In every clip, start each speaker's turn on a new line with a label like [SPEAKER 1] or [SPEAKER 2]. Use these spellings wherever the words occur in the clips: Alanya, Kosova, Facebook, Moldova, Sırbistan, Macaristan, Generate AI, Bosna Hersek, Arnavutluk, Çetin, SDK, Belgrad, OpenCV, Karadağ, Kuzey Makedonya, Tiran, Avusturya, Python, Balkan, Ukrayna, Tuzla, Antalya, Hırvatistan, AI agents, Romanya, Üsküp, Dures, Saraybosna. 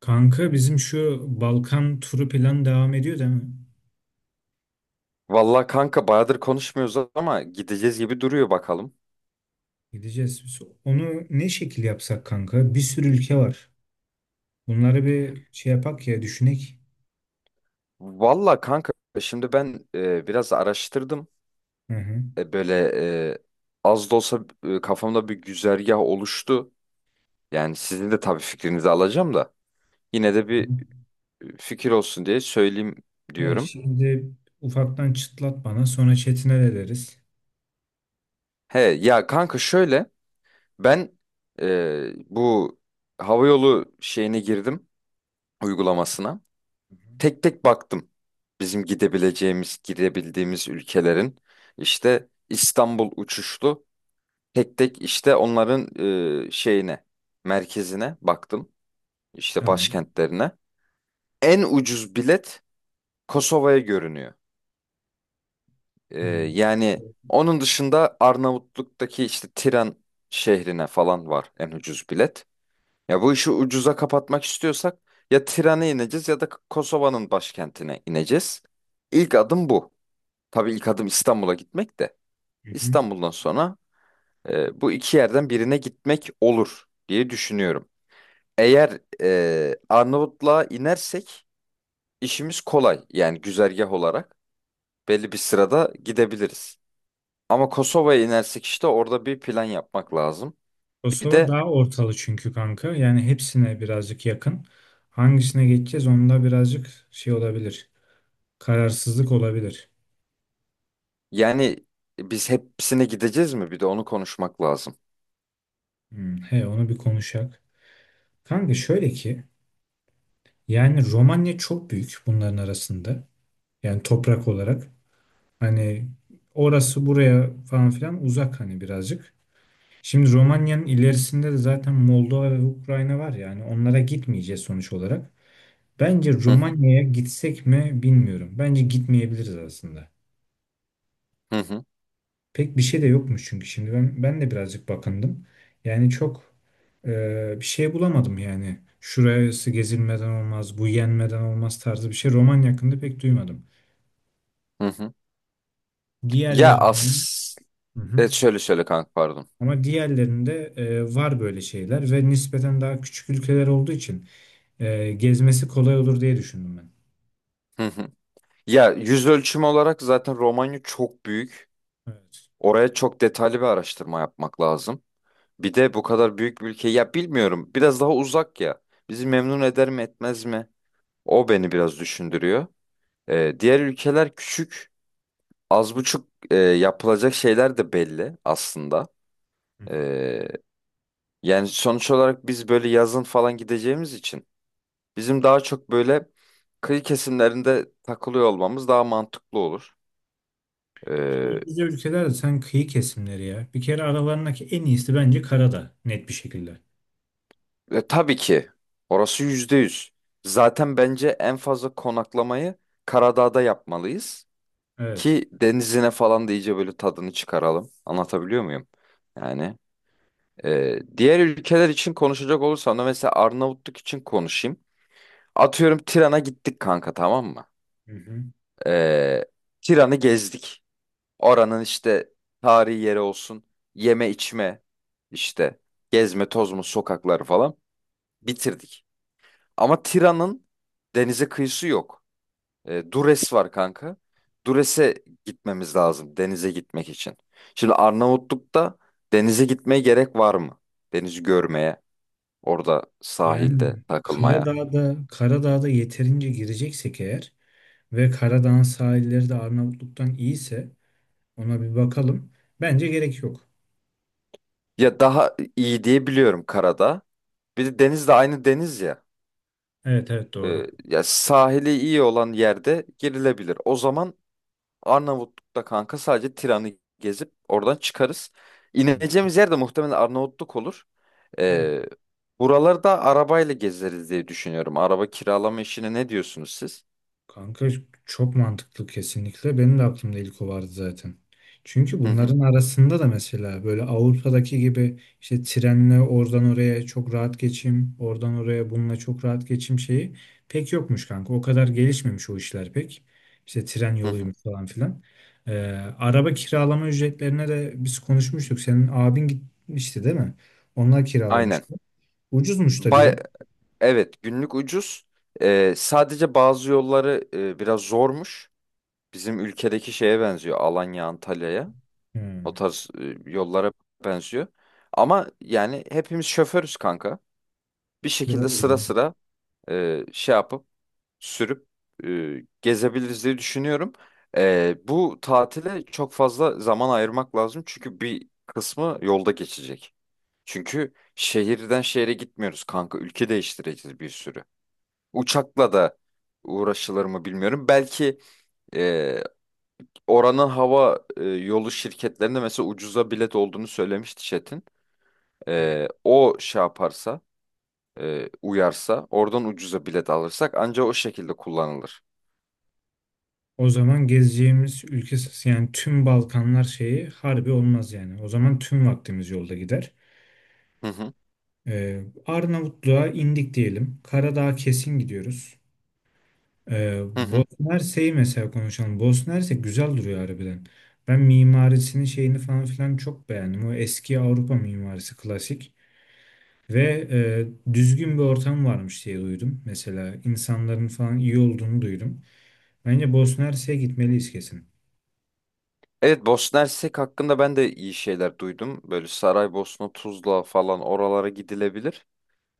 [SPEAKER 1] Kanka bizim şu Balkan turu plan devam ediyor değil mi?
[SPEAKER 2] Vallahi kanka bayağıdır konuşmuyoruz ama gideceğiz gibi duruyor bakalım.
[SPEAKER 1] Gideceğiz biz. Onu ne şekil yapsak kanka? Bir sürü ülke var. Bunları bir şey yapak ya düşünek.
[SPEAKER 2] Vallahi kanka, şimdi ben biraz araştırdım.
[SPEAKER 1] Hı hı.
[SPEAKER 2] Böyle, e, az da olsa, kafamda bir güzergah oluştu. Yani sizin de tabii fikrinizi alacağım da. Yine de
[SPEAKER 1] Hı hı.
[SPEAKER 2] bir fikir olsun diye söyleyeyim
[SPEAKER 1] Evet,
[SPEAKER 2] diyorum.
[SPEAKER 1] şimdi ufaktan çıtlat bana sonra Çetin'e de deriz.
[SPEAKER 2] He ya kanka, şöyle ben bu havayolu şeyine girdim, uygulamasına.
[SPEAKER 1] Hı hı.
[SPEAKER 2] Tek tek baktım. Bizim gidebileceğimiz, gidebildiğimiz ülkelerin işte İstanbul uçuşlu, tek tek işte onların şeyine, merkezine baktım. İşte
[SPEAKER 1] Tamam.
[SPEAKER 2] başkentlerine. En ucuz bilet Kosova'ya görünüyor. E,
[SPEAKER 1] Hı.
[SPEAKER 2] yani onun dışında Arnavutluk'taki işte Tiran şehrine falan var en ucuz bilet. Ya bu işi ucuza kapatmak istiyorsak ya Tiran'a ineceğiz ya da Kosova'nın başkentine ineceğiz. İlk adım bu. Tabii ilk adım İstanbul'a gitmek de;
[SPEAKER 1] Hı hı.
[SPEAKER 2] İstanbul'dan sonra bu iki yerden birine gitmek olur diye düşünüyorum. Eğer Arnavutluğa inersek, işimiz kolay, yani güzergah olarak belli bir sırada gidebiliriz. Ama Kosova'ya inersek, işte orada bir plan yapmak lazım. Bir
[SPEAKER 1] Kosova
[SPEAKER 2] de
[SPEAKER 1] daha ortalı çünkü kanka. Yani hepsine birazcık yakın. Hangisine geçeceğiz onda birazcık şey olabilir. Kararsızlık olabilir.
[SPEAKER 2] yani biz hepsine gideceğiz mi? Bir de onu konuşmak lazım.
[SPEAKER 1] Hı. He onu bir konuşak. Kanka şöyle ki, yani Romanya çok büyük bunların arasında. Yani toprak olarak. Hani orası buraya falan filan uzak hani birazcık. Şimdi Romanya'nın ilerisinde de zaten Moldova ve Ukrayna var, yani onlara gitmeyeceğiz sonuç olarak. Bence
[SPEAKER 2] Hı hı,
[SPEAKER 1] Romanya'ya gitsek mi bilmiyorum. Bence gitmeyebiliriz aslında.
[SPEAKER 2] hı hı.
[SPEAKER 1] Pek bir şey de yokmuş çünkü şimdi ben de birazcık bakındım. Yani çok bir şey bulamadım yani. Şurası gezilmeden olmaz, bu yenmeden olmaz tarzı bir şey Romanya hakkında pek duymadım.
[SPEAKER 2] Hı hı. Ya,
[SPEAKER 1] Diğerlerinin. Hı hı.
[SPEAKER 2] şöyle kanka, pardon.
[SPEAKER 1] Ama diğerlerinde var böyle şeyler ve nispeten daha küçük ülkeler olduğu için gezmesi kolay olur diye düşündüm ben.
[SPEAKER 2] Hı hı. Ya, yüz ölçümü olarak zaten Romanya çok büyük.
[SPEAKER 1] Evet.
[SPEAKER 2] Oraya çok detaylı bir araştırma yapmak lazım. Bir de bu kadar büyük bir ülke, ya bilmiyorum biraz daha uzak ya. Bizi memnun eder mi etmez mi? O beni biraz düşündürüyor. Diğer ülkeler küçük, az buçuk, yapılacak şeyler de belli aslında.
[SPEAKER 1] Hı hı.
[SPEAKER 2] Ee, yani sonuç olarak biz böyle yazın falan gideceğimiz için, bizim daha çok böyle kıyı kesimlerinde takılıyor olmamız daha mantıklı olur. Ee,
[SPEAKER 1] ki bize ülkeler de sen kıyı kesimleri ya. Bir kere aralarındaki en iyisi bence Karadağ net bir şekilde.
[SPEAKER 2] Tabii ki. Orası yüzde yüz. Zaten bence en fazla konaklamayı Karadağ'da yapmalıyız.
[SPEAKER 1] Evet.
[SPEAKER 2] Ki denizine falan da iyice böyle tadını çıkaralım. Anlatabiliyor muyum? Yani diğer ülkeler için konuşacak olursam da, mesela Arnavutluk için konuşayım. Atıyorum Tiran'a gittik kanka, tamam mı?
[SPEAKER 1] Hı hı.
[SPEAKER 2] E, Tiran'ı gezdik. Oranın işte tarihi yeri olsun, yeme içme işte, gezme tozma, sokakları falan bitirdik. Ama Tira'nın denize kıyısı yok. Dures var kanka. Dures'e gitmemiz lazım denize gitmek için. Şimdi Arnavutluk'ta denize gitmeye gerek var mı? Denizi görmeye, orada sahilde
[SPEAKER 1] Yani
[SPEAKER 2] takılmaya.
[SPEAKER 1] Karadağ'da yeterince gireceksek eğer ve Karadağ'ın sahilleri de Arnavutluk'tan iyiyse ona bir bakalım. Bence gerek yok.
[SPEAKER 2] Ya daha iyi diye biliyorum karada. Bir de deniz de aynı deniz ya.
[SPEAKER 1] Evet, evet, doğru.
[SPEAKER 2] Ya sahili iyi olan yerde girilebilir. O zaman Arnavutluk'ta kanka sadece Tiran'ı gezip oradan çıkarız.
[SPEAKER 1] Hı.
[SPEAKER 2] İneceğimiz yer de muhtemelen Arnavutluk olur.
[SPEAKER 1] Evet.
[SPEAKER 2] Ee, Buralarda arabayla gezeriz diye düşünüyorum. Araba kiralama işine ne diyorsunuz siz?
[SPEAKER 1] Kanka çok mantıklı kesinlikle. Benim de aklımda ilk o vardı zaten. Çünkü
[SPEAKER 2] Hı hı,
[SPEAKER 1] bunların arasında da mesela böyle Avrupa'daki gibi işte trenle oradan oraya çok rahat geçim, oradan oraya bununla çok rahat geçim şeyi pek yokmuş kanka. O kadar gelişmemiş o işler pek. İşte tren
[SPEAKER 2] hı hı.
[SPEAKER 1] yoluymuş falan filan. Ee, Araba kiralama ücretlerine de biz konuşmuştuk. Senin abin gitmişti değil mi? Onlar
[SPEAKER 2] Aynen.
[SPEAKER 1] kiralamıştı. Ucuzmuş da diyor.
[SPEAKER 2] Bay evet, günlük ucuz. Sadece bazı yolları biraz zormuş. Bizim ülkedeki şeye benziyor. Alanya, Antalya'ya. O
[SPEAKER 1] Hmm.
[SPEAKER 2] tarz yollara benziyor. Ama yani hepimiz şoförüz kanka. Bir şekilde
[SPEAKER 1] Doğru.
[SPEAKER 2] sıra sıra şey yapıp, sürüp, e, gezebiliriz diye düşünüyorum. Bu tatile çok fazla zaman ayırmak lazım, çünkü bir kısmı yolda geçecek. Çünkü şehirden şehre gitmiyoruz kanka. Ülke değiştireceğiz bir sürü. Uçakla da uğraşılır mı bilmiyorum. Belki e, oranın hava yolu şirketlerinde mesela ucuza bilet olduğunu söylemişti Çetin. O şey yaparsa, uyarsa, oradan ucuza bilet alırsak, ancak o şekilde kullanılır.
[SPEAKER 1] O zaman gezeceğimiz ülke, yani tüm Balkanlar şeyi harbi olmaz yani. O zaman tüm vaktimiz yolda gider.
[SPEAKER 2] Hı hı.
[SPEAKER 1] Arnavutluğa indik diyelim. Karadağ'a kesin gidiyoruz.
[SPEAKER 2] Hı hı.
[SPEAKER 1] Bosna Hersek'i mesela konuşalım. Bosna Hersek güzel duruyor harbiden. Ben mimarisinin şeyini falan filan çok beğendim. O eski Avrupa mimarisi klasik. Ve düzgün bir ortam varmış diye duydum. Mesela insanların falan iyi olduğunu duydum. Bence Bosna Hersek'e gitmeliyiz kesin.
[SPEAKER 2] Evet, Bosna Hersek hakkında ben de iyi şeyler duydum. Böyle Saraybosna, Tuzla falan, oralara gidilebilir.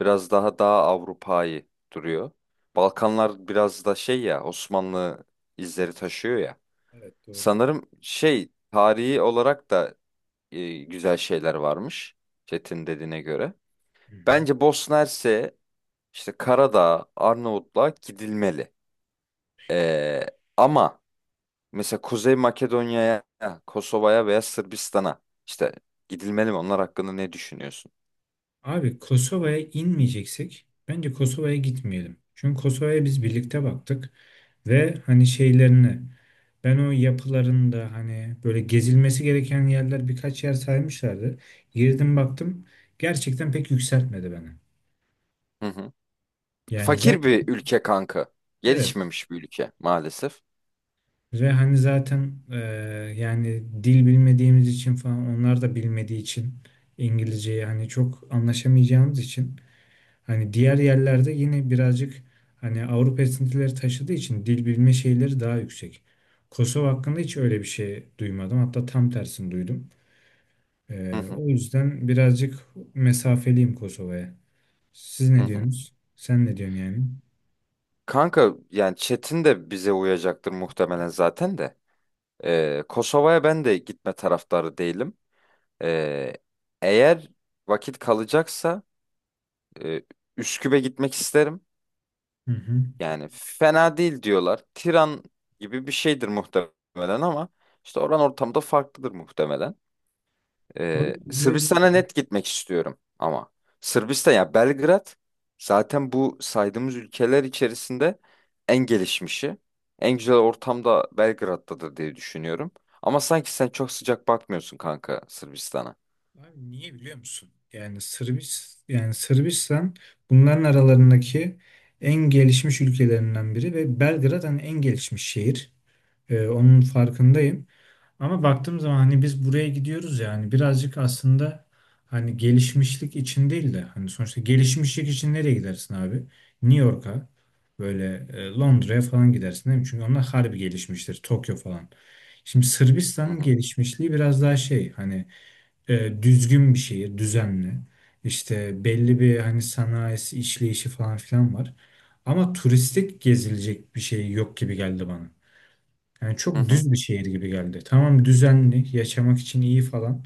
[SPEAKER 2] Biraz daha Avrupa'yı duruyor. Balkanlar biraz da şey, ya Osmanlı izleri taşıyor ya.
[SPEAKER 1] Evet, doğru.
[SPEAKER 2] Sanırım şey, tarihi olarak da güzel şeyler varmış, Çetin dediğine göre.
[SPEAKER 1] Hı hı.
[SPEAKER 2] Bence Bosna Hersek'e, işte Karadağ, Arnavutluğa gidilmeli. Ee, ama mesela Kuzey Makedonya'ya, Kosova'ya veya Sırbistan'a işte gidilmeli mi? Onlar hakkında ne düşünüyorsun?
[SPEAKER 1] Abi Kosova'ya inmeyeceksek bence Kosova'ya gitmeyelim. Çünkü Kosova'ya biz birlikte baktık ve hani şeylerini ben o yapılarında hani böyle gezilmesi gereken yerler birkaç yer saymışlardı. Girdim baktım gerçekten pek yükseltmedi beni.
[SPEAKER 2] Hı hı.
[SPEAKER 1] Yani
[SPEAKER 2] Fakir bir
[SPEAKER 1] zaten
[SPEAKER 2] ülke kanka.
[SPEAKER 1] evet
[SPEAKER 2] Gelişmemiş bir ülke maalesef.
[SPEAKER 1] ve hani zaten yani dil bilmediğimiz için falan, onlar da bilmediği için, İngilizceyi hani çok anlaşamayacağımız için, hani diğer yerlerde yine birazcık hani Avrupa esintileri taşıdığı için dil bilme şeyleri daha yüksek. Kosova hakkında hiç öyle bir şey duymadım. Hatta tam tersini duydum.
[SPEAKER 2] Hı hı.
[SPEAKER 1] O yüzden birazcık mesafeliyim Kosova'ya. Siz
[SPEAKER 2] Hı
[SPEAKER 1] ne
[SPEAKER 2] hı.
[SPEAKER 1] diyorsunuz? Sen ne diyorsun yani?
[SPEAKER 2] Kanka yani, Çetin de bize uyacaktır muhtemelen zaten de. Kosova'ya ben de gitme taraftarı değilim. Ee, Eğer vakit kalacaksa, e, Üsküp'e gitmek isterim.
[SPEAKER 1] Hı hı.
[SPEAKER 2] Yani fena değil diyorlar. Tiran gibi bir şeydir muhtemelen, ama işte oran ortamda farklıdır muhtemelen.
[SPEAKER 1] O ne.
[SPEAKER 2] Sırbistan'a net gitmek istiyorum ama. Sırbistan, ya Belgrad zaten bu saydığımız ülkeler içerisinde en gelişmişi. En güzel ortamda Belgrad'dadır diye düşünüyorum. Ama sanki sen çok sıcak bakmıyorsun kanka Sırbistan'a.
[SPEAKER 1] Abi niye biliyor musun? Yani Sırbistan bunların aralarındaki en gelişmiş ülkelerinden biri ve Belgrad hani en gelişmiş şehir. Onun farkındayım. Ama baktığım zaman hani biz buraya gidiyoruz yani birazcık aslında, hani gelişmişlik için değil de, hani sonuçta gelişmişlik için nereye gidersin abi? New York'a, böyle Londra'ya falan gidersin değil mi? Çünkü onlar harbi gelişmiştir. Tokyo falan. Şimdi
[SPEAKER 2] Hı
[SPEAKER 1] Sırbistan'ın
[SPEAKER 2] hı.
[SPEAKER 1] gelişmişliği biraz daha şey hani, düzgün bir şehir, düzenli. İşte belli bir hani sanayisi, işleyişi falan filan var. Ama turistik gezilecek bir şey yok gibi geldi bana. Yani
[SPEAKER 2] Hı
[SPEAKER 1] çok
[SPEAKER 2] hı.
[SPEAKER 1] düz bir şehir gibi geldi. Tamam, düzenli, yaşamak için iyi falan.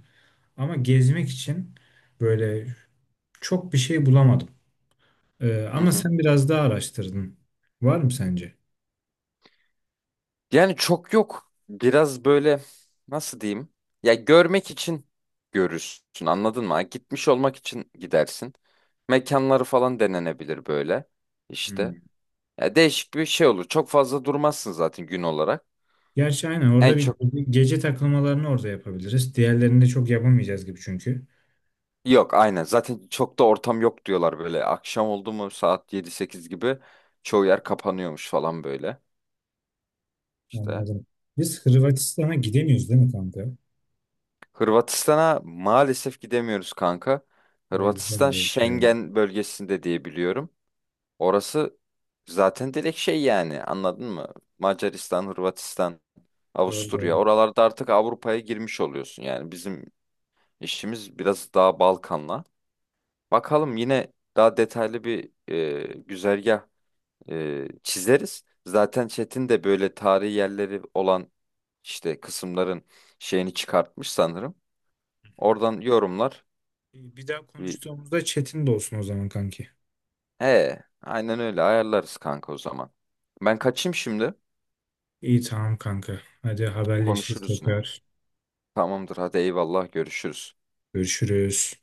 [SPEAKER 1] Ama gezmek için böyle çok bir şey bulamadım.
[SPEAKER 2] Hı
[SPEAKER 1] Ama
[SPEAKER 2] hı.
[SPEAKER 1] sen biraz daha araştırdın. Var mı sence?
[SPEAKER 2] Yani çok yok. Biraz böyle, nasıl diyeyim? Ya, görmek için görürsün, anladın mı? Gitmiş olmak için gidersin. Mekanları falan denenebilir böyle, işte.
[SPEAKER 1] Hmm.
[SPEAKER 2] Ya, değişik bir şey olur. Çok fazla durmazsın zaten gün olarak.
[SPEAKER 1] Gerçi aynen
[SPEAKER 2] En
[SPEAKER 1] orada bir
[SPEAKER 2] çok
[SPEAKER 1] bir gece takılmalarını orada yapabiliriz. Diğerlerini de çok yapamayacağız gibi çünkü.
[SPEAKER 2] yok, aynen. Zaten çok da ortam yok diyorlar böyle. Akşam oldu mu saat 7-8 gibi, çoğu yer kapanıyormuş falan böyle. İşte,
[SPEAKER 1] Anladım. Biz Hırvatistan'a gidemiyoruz değil mi kanka?
[SPEAKER 2] Hırvatistan'a maalesef gidemiyoruz kanka.
[SPEAKER 1] Orada güzel
[SPEAKER 2] Hırvatistan
[SPEAKER 1] bir şey var.
[SPEAKER 2] Schengen bölgesinde diye biliyorum. Orası zaten direkt şey, yani, anladın mı? Macaristan, Hırvatistan,
[SPEAKER 1] Doğru,
[SPEAKER 2] Avusturya,
[SPEAKER 1] doğru.
[SPEAKER 2] oralarda artık Avrupa'ya girmiş oluyorsun. Yani bizim işimiz biraz daha Balkan'la. Bakalım, yine daha detaylı bir güzergah çizeriz. Zaten Çetin de böyle tarihi yerleri olan işte kısımların şeyini çıkartmış sanırım. Oradan yorumlar.
[SPEAKER 1] Bir daha
[SPEAKER 2] Bir...
[SPEAKER 1] konuştuğumuzda Çetin de olsun o zaman kanki.
[SPEAKER 2] He, aynen öyle ayarlarız kanka o zaman. Ben kaçayım şimdi.
[SPEAKER 1] İyi, tamam kanka. Hadi, haberleşiriz
[SPEAKER 2] Konuşuruz yine.
[SPEAKER 1] tekrar.
[SPEAKER 2] Tamamdır, hadi eyvallah, görüşürüz.
[SPEAKER 1] Görüşürüz.